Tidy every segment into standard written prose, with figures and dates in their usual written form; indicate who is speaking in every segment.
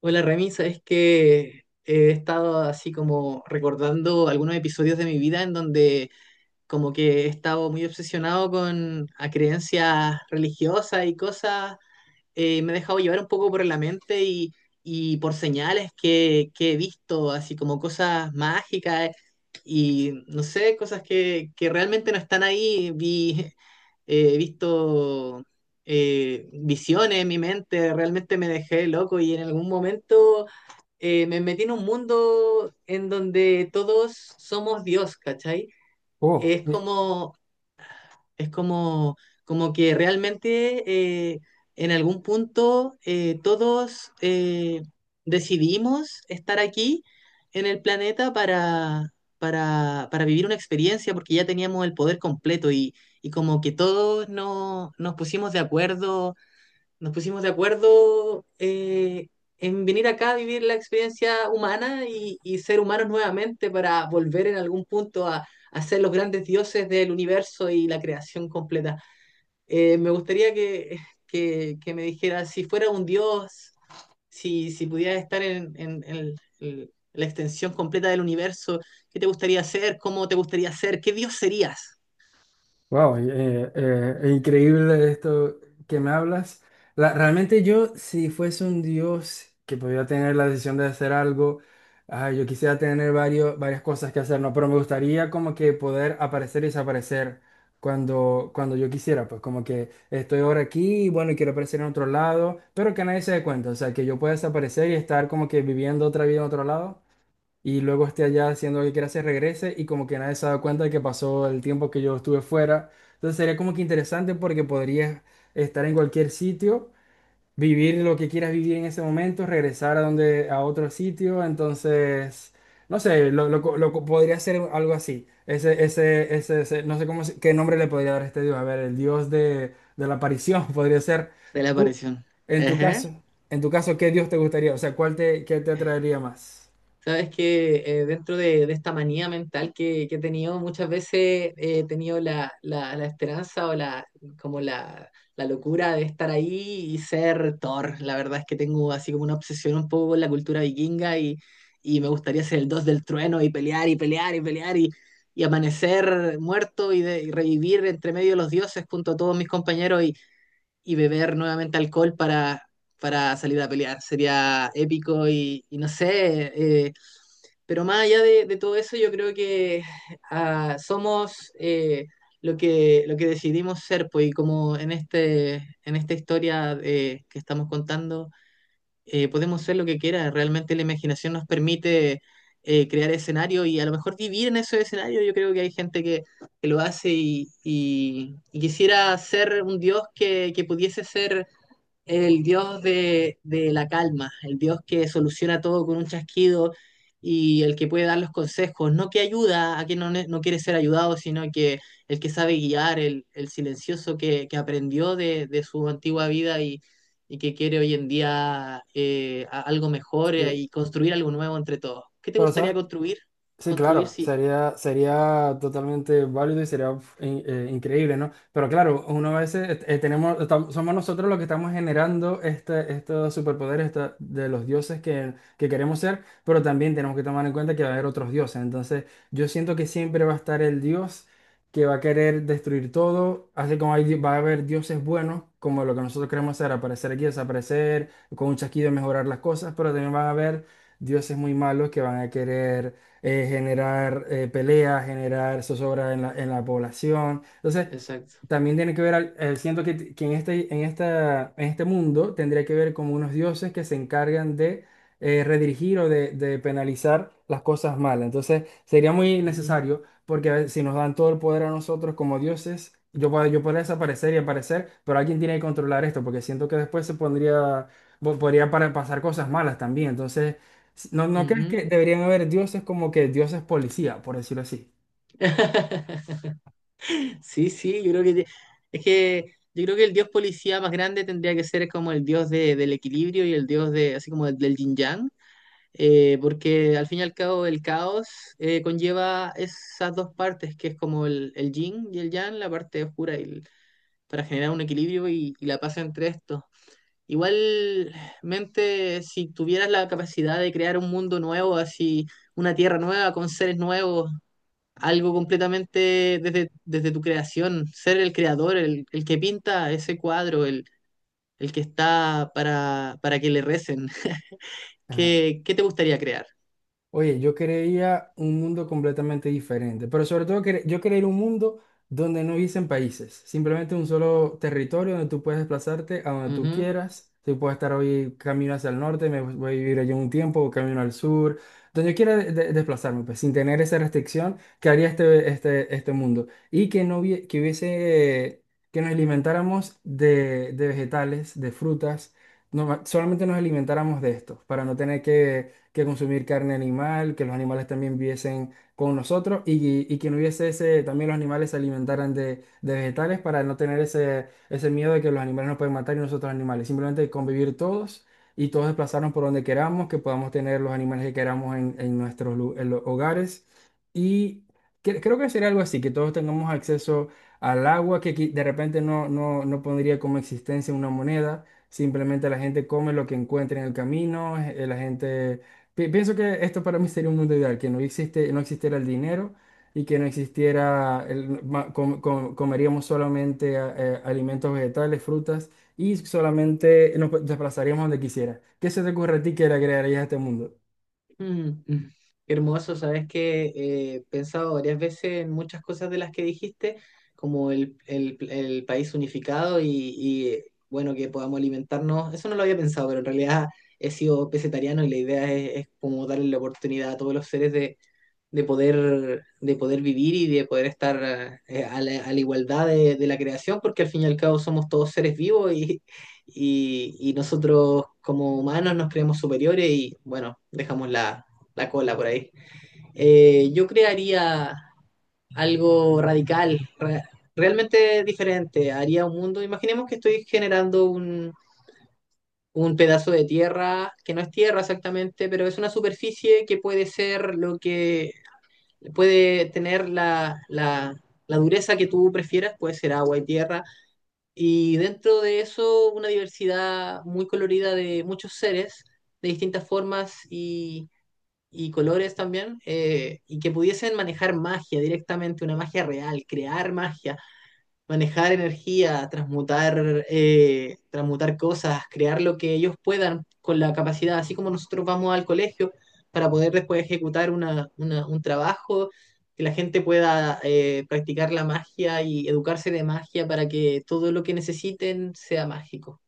Speaker 1: Hola Remy, sabes que he estado así como recordando algunos episodios de mi vida en donde como que he estado muy obsesionado con a creencias religiosas y cosas. Me he dejado llevar un poco por la mente y por señales que he visto, así como cosas mágicas, y no sé, cosas que realmente no están ahí. He visto, visiones en mi mente, realmente me dejé loco y en algún momento me metí en un mundo en donde todos somos Dios, ¿cachai?
Speaker 2: Oh,
Speaker 1: Es como es como, Como que realmente, eh, en algún punto, todos, decidimos estar aquí en el planeta para vivir una experiencia porque ya teníamos el poder completo, y como que todos nos pusimos de acuerdo, nos pusimos de acuerdo eh, en venir acá a vivir la experiencia humana y ser humanos nuevamente para volver en algún punto a ser los grandes dioses del universo y la creación completa. Me gustaría que me dijera, si fuera un dios, si pudiera estar en el- la extensión completa del universo, ¿qué te gustaría ser? ¿Cómo te gustaría ser? ¿Qué dios serías
Speaker 2: wow, increíble esto que me hablas. Realmente yo, si fuese un dios que pudiera tener la decisión de hacer algo, yo quisiera tener varias cosas que hacer, ¿no? Pero me gustaría como que poder aparecer y desaparecer cuando yo quisiera, pues como que estoy ahora aquí y bueno, y quiero aparecer en otro lado, pero que nadie se dé cuenta, o sea, que yo pueda desaparecer y estar como que viviendo otra vida en otro lado. Y luego esté allá haciendo lo que quiera, se regrese y como que nadie se ha dado cuenta de que pasó el tiempo que yo estuve fuera. Entonces sería como que interesante porque podrías estar en cualquier sitio, vivir lo que quieras vivir en ese momento, regresar a a otro sitio. Entonces, no sé, podría ser algo así. No sé cómo, qué nombre le podría dar a este dios. A ver, el dios de la aparición podría ser.
Speaker 1: de la
Speaker 2: Tú,
Speaker 1: aparición?
Speaker 2: en tu caso, en tu caso, ¿qué dios te gustaría? O sea, ¿cuál te, qué te atraería más?
Speaker 1: Sabes que, dentro de esta manía mental que he tenido, muchas veces he tenido la esperanza o como la, la locura de estar ahí y ser Thor. La verdad es que tengo así como una obsesión un poco con la cultura vikinga, y me gustaría ser el dios del trueno y pelear y pelear y pelear, y amanecer muerto y, y revivir entre medio de los dioses junto a todos mis compañeros, y beber nuevamente alcohol para salir a pelear. Sería épico y no sé. Pero más allá de todo eso, yo creo que, somos, lo que decidimos ser, pues, y como en este, en esta historia que estamos contando, podemos ser lo que quiera. Realmente la imaginación nos permite, crear escenarios y a lo mejor vivir en esos escenarios. Yo creo que hay gente que lo hace y, y quisiera ser un dios que pudiese ser el dios de la calma, el dios que soluciona todo con un chasquido y el que puede dar los consejos, no que ayuda a quien no quiere ser ayudado, sino que el que sabe guiar, el silencioso que aprendió de su antigua vida, y que quiere hoy en día, algo mejor,
Speaker 2: Sí.
Speaker 1: y construir algo nuevo entre todos. ¿Qué te
Speaker 2: Pero,
Speaker 1: gustaría
Speaker 2: ¿sabes?
Speaker 1: construir?
Speaker 2: Sí,
Speaker 1: Construir,
Speaker 2: claro,
Speaker 1: sí.
Speaker 2: sería totalmente válido y sería increíble, ¿no? Pero claro, uno a veces somos nosotros los que estamos generando estos superpoderes de los dioses que queremos ser, pero también tenemos que tomar en cuenta que va a haber otros dioses. Entonces, yo siento que siempre va a estar el dios que va a querer destruir todo, así como va a haber dioses buenos, como lo que nosotros queremos hacer, aparecer aquí, desaparecer, con un chasquido mejorar las cosas, pero también van a haber dioses muy malos que van a querer generar peleas, generar zozobra en en la población. Entonces,
Speaker 1: Exacto.
Speaker 2: también tiene que ver, siento que en en este mundo tendría que ver como unos dioses que se encargan de redirigir o de penalizar las cosas malas. Entonces, sería muy
Speaker 1: Ujú,
Speaker 2: necesario, porque a ver, si nos dan todo el poder a nosotros como dioses, yo podría desaparecer y aparecer, pero alguien tiene que controlar esto, porque siento que después se pondría, podría pasar cosas malas también. Entonces, no crees
Speaker 1: ujú.
Speaker 2: que deberían haber dioses como que dioses policía, por decirlo así?
Speaker 1: Sí, sí, yo creo que te- es que yo creo que el dios policía más grande tendría que ser como el dios del equilibrio y el dios de así como del yin yang, porque al fin y al cabo el caos, conlleva esas dos partes que es como el yin y el yang, la parte oscura y para generar un equilibrio y la paz entre estos. Igualmente, si tuvieras la capacidad de crear un mundo nuevo, así una tierra nueva con seres nuevos, algo completamente desde tu creación, ser el creador, el que pinta ese cuadro, el que está para que le recen.
Speaker 2: Ajá.
Speaker 1: ¿Qué, qué te gustaría crear?
Speaker 2: Oye, yo quería un mundo completamente diferente, pero sobre todo yo quería ir a un mundo donde no hubiesen países, simplemente un solo territorio donde tú puedes desplazarte a donde tú
Speaker 1: Ujú.
Speaker 2: quieras. Tú puedes estar hoy camino hacia el norte, me voy a vivir allá un tiempo, o camino al sur, donde yo quiera desplazarme, pues sin tener esa restricción que haría este mundo. Y que no hubie- que hubiese, que nos alimentáramos de vegetales, de frutas, no, solamente nos alimentáramos de esto, para no tener que consumir carne animal, que los animales también viviesen con nosotros y que no hubiese ese, también los animales se alimentaran de vegetales para no tener ese miedo de que los animales nos pueden matar y nosotros animales, simplemente convivir todos y todos desplazarnos por donde queramos, que podamos tener los animales que queramos en nuestros en los hogares y creo que sería algo así, que todos tengamos acceso al agua, que de repente no pondría como existencia una moneda. Simplemente la gente come lo que encuentre en el camino, la gente pienso que esto para mí sería un mundo ideal, que no existe, no existiera el dinero y que no existiera, comeríamos solamente alimentos vegetales, frutas y solamente nos desplazaríamos donde quisiera. ¿Qué se te ocurre a ti que le agregarías a este mundo?
Speaker 1: Mm, mm. Qué hermoso, sabes que, he pensado varias veces en muchas cosas de las que dijiste, como el, el país unificado y, bueno, que podamos alimentarnos. Eso no lo había pensado, pero en realidad he sido pesetariano y la idea es como darle la oportunidad a todos los seres de poder vivir y de poder estar, a la igualdad de la creación, porque al fin y al cabo somos todos seres vivos, y nosotros como humanos nos creemos superiores y bueno, dejamos la, la cola por ahí. Yo crearía algo radical, realmente diferente, haría un mundo. Imaginemos que estoy generando un pedazo de tierra, que no es tierra exactamente, pero es una superficie que puede ser lo que puede tener la, la, la dureza que tú prefieras, puede ser agua y tierra, y dentro de eso una diversidad muy colorida de muchos seres, de distintas formas y colores también, y que pudiesen manejar magia directamente, una magia real, crear magia, manejar energía, transmutar, transmutar cosas, crear lo que ellos puedan con la capacidad, así como nosotros vamos al colegio para poder después ejecutar una, un trabajo, que la gente pueda, practicar la magia y educarse de magia para que todo lo que necesiten sea mágico.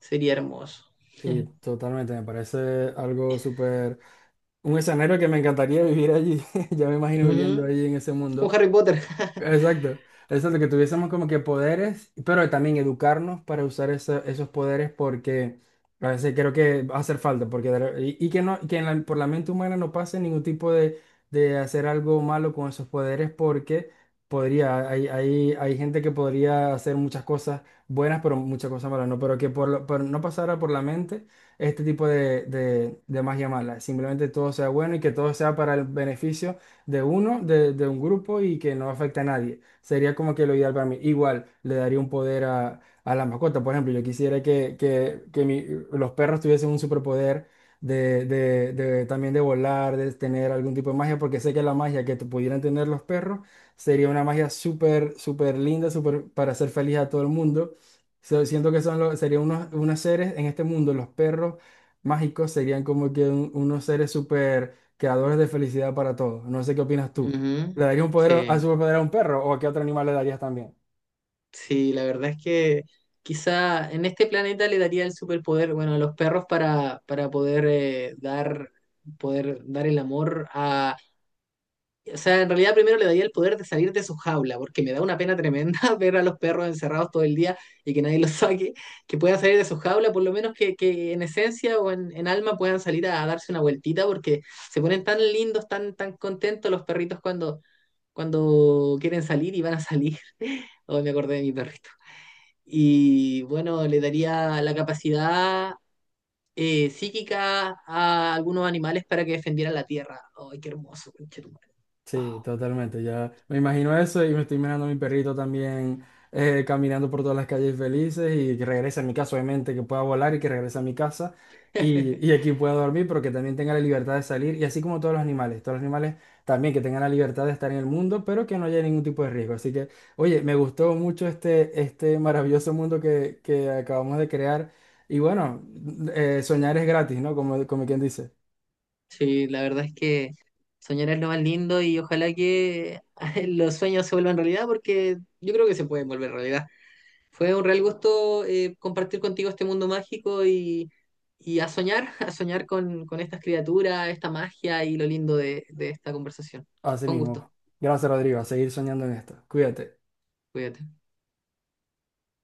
Speaker 1: Sería hermoso.
Speaker 2: Sí, totalmente, me parece algo súper, un escenario que me encantaría vivir allí, ya me imagino viviendo
Speaker 1: Ujú.
Speaker 2: allí en ese mundo.
Speaker 1: Como Harry Potter.
Speaker 2: Exacto. Exacto, que tuviésemos como que poderes, pero también educarnos para usar esos poderes porque a veces creo que va a hacer falta, porque y que no, que en por la mente humana no pase ningún tipo de hacer algo malo con esos poderes porque podría, hay gente que podría hacer muchas cosas buenas, pero muchas cosas malas, no, pero que por, por no pasara por la mente este tipo de magia mala, simplemente todo sea bueno y que todo sea para el beneficio de uno, de un grupo y que no afecta a nadie. Sería como que lo ideal para mí. Igual le daría un poder a la mascota. Por ejemplo, yo quisiera que los perros tuviesen un superpoder de también de volar, de tener algún tipo de magia, porque sé que la magia que te pudieran tener los perros sería una magia súper, súper linda, súper para hacer feliz a todo el mundo. So, siento que son los, serían unos, unos seres en este mundo, los perros mágicos serían como que unos seres súper creadores de felicidad para todos. No sé qué opinas tú.
Speaker 1: Ujú.
Speaker 2: ¿Le darías un poder, a
Speaker 1: Sí.
Speaker 2: superpoder a un perro o a qué otro animal le darías también?
Speaker 1: Sí, la verdad es que quizá en este planeta le daría el superpoder, bueno, a los perros para poder, dar, poder dar el amor a... O sea, en realidad primero le daría el poder de salir de su jaula, porque me da una pena tremenda ver a los perros encerrados todo el día y que nadie los saque, que puedan salir de su jaula, por lo menos que en esencia o en alma puedan salir a darse una vueltita, porque se ponen tan lindos, tan, tan contentos los perritos cuando quieren salir y van a salir. Oh, me acordé de mi perrito. Y bueno, le daría la capacidad, psíquica a algunos animales para que defendieran la tierra. ¡Ay, qué hermoso! Conchetumare.
Speaker 2: Sí, totalmente. Ya me imagino eso y me estoy imaginando a mi perrito también caminando por todas las calles felices y que regrese a mi casa, obviamente, que pueda volar y que regrese a mi casa y aquí pueda dormir, pero que también tenga la libertad de salir y así como todos los animales también que tengan la libertad de estar en el mundo, pero que no haya ningún tipo de riesgo. Así que, oye, me gustó mucho este maravilloso mundo que acabamos de crear y bueno, soñar es gratis, ¿no? Como, como quien dice,
Speaker 1: Sí, la verdad es que soñar es lo más lindo y ojalá que los sueños se vuelvan realidad porque yo creo que se pueden volver realidad. Fue un real gusto, compartir contigo este mundo mágico, y a soñar, a soñar con estas criaturas, esta magia y lo lindo de esta conversación.
Speaker 2: así
Speaker 1: Fue un
Speaker 2: mismo.
Speaker 1: gusto.
Speaker 2: Gracias, Rodrigo, a seguir soñando en esto. Cuídate.
Speaker 1: Cuídate.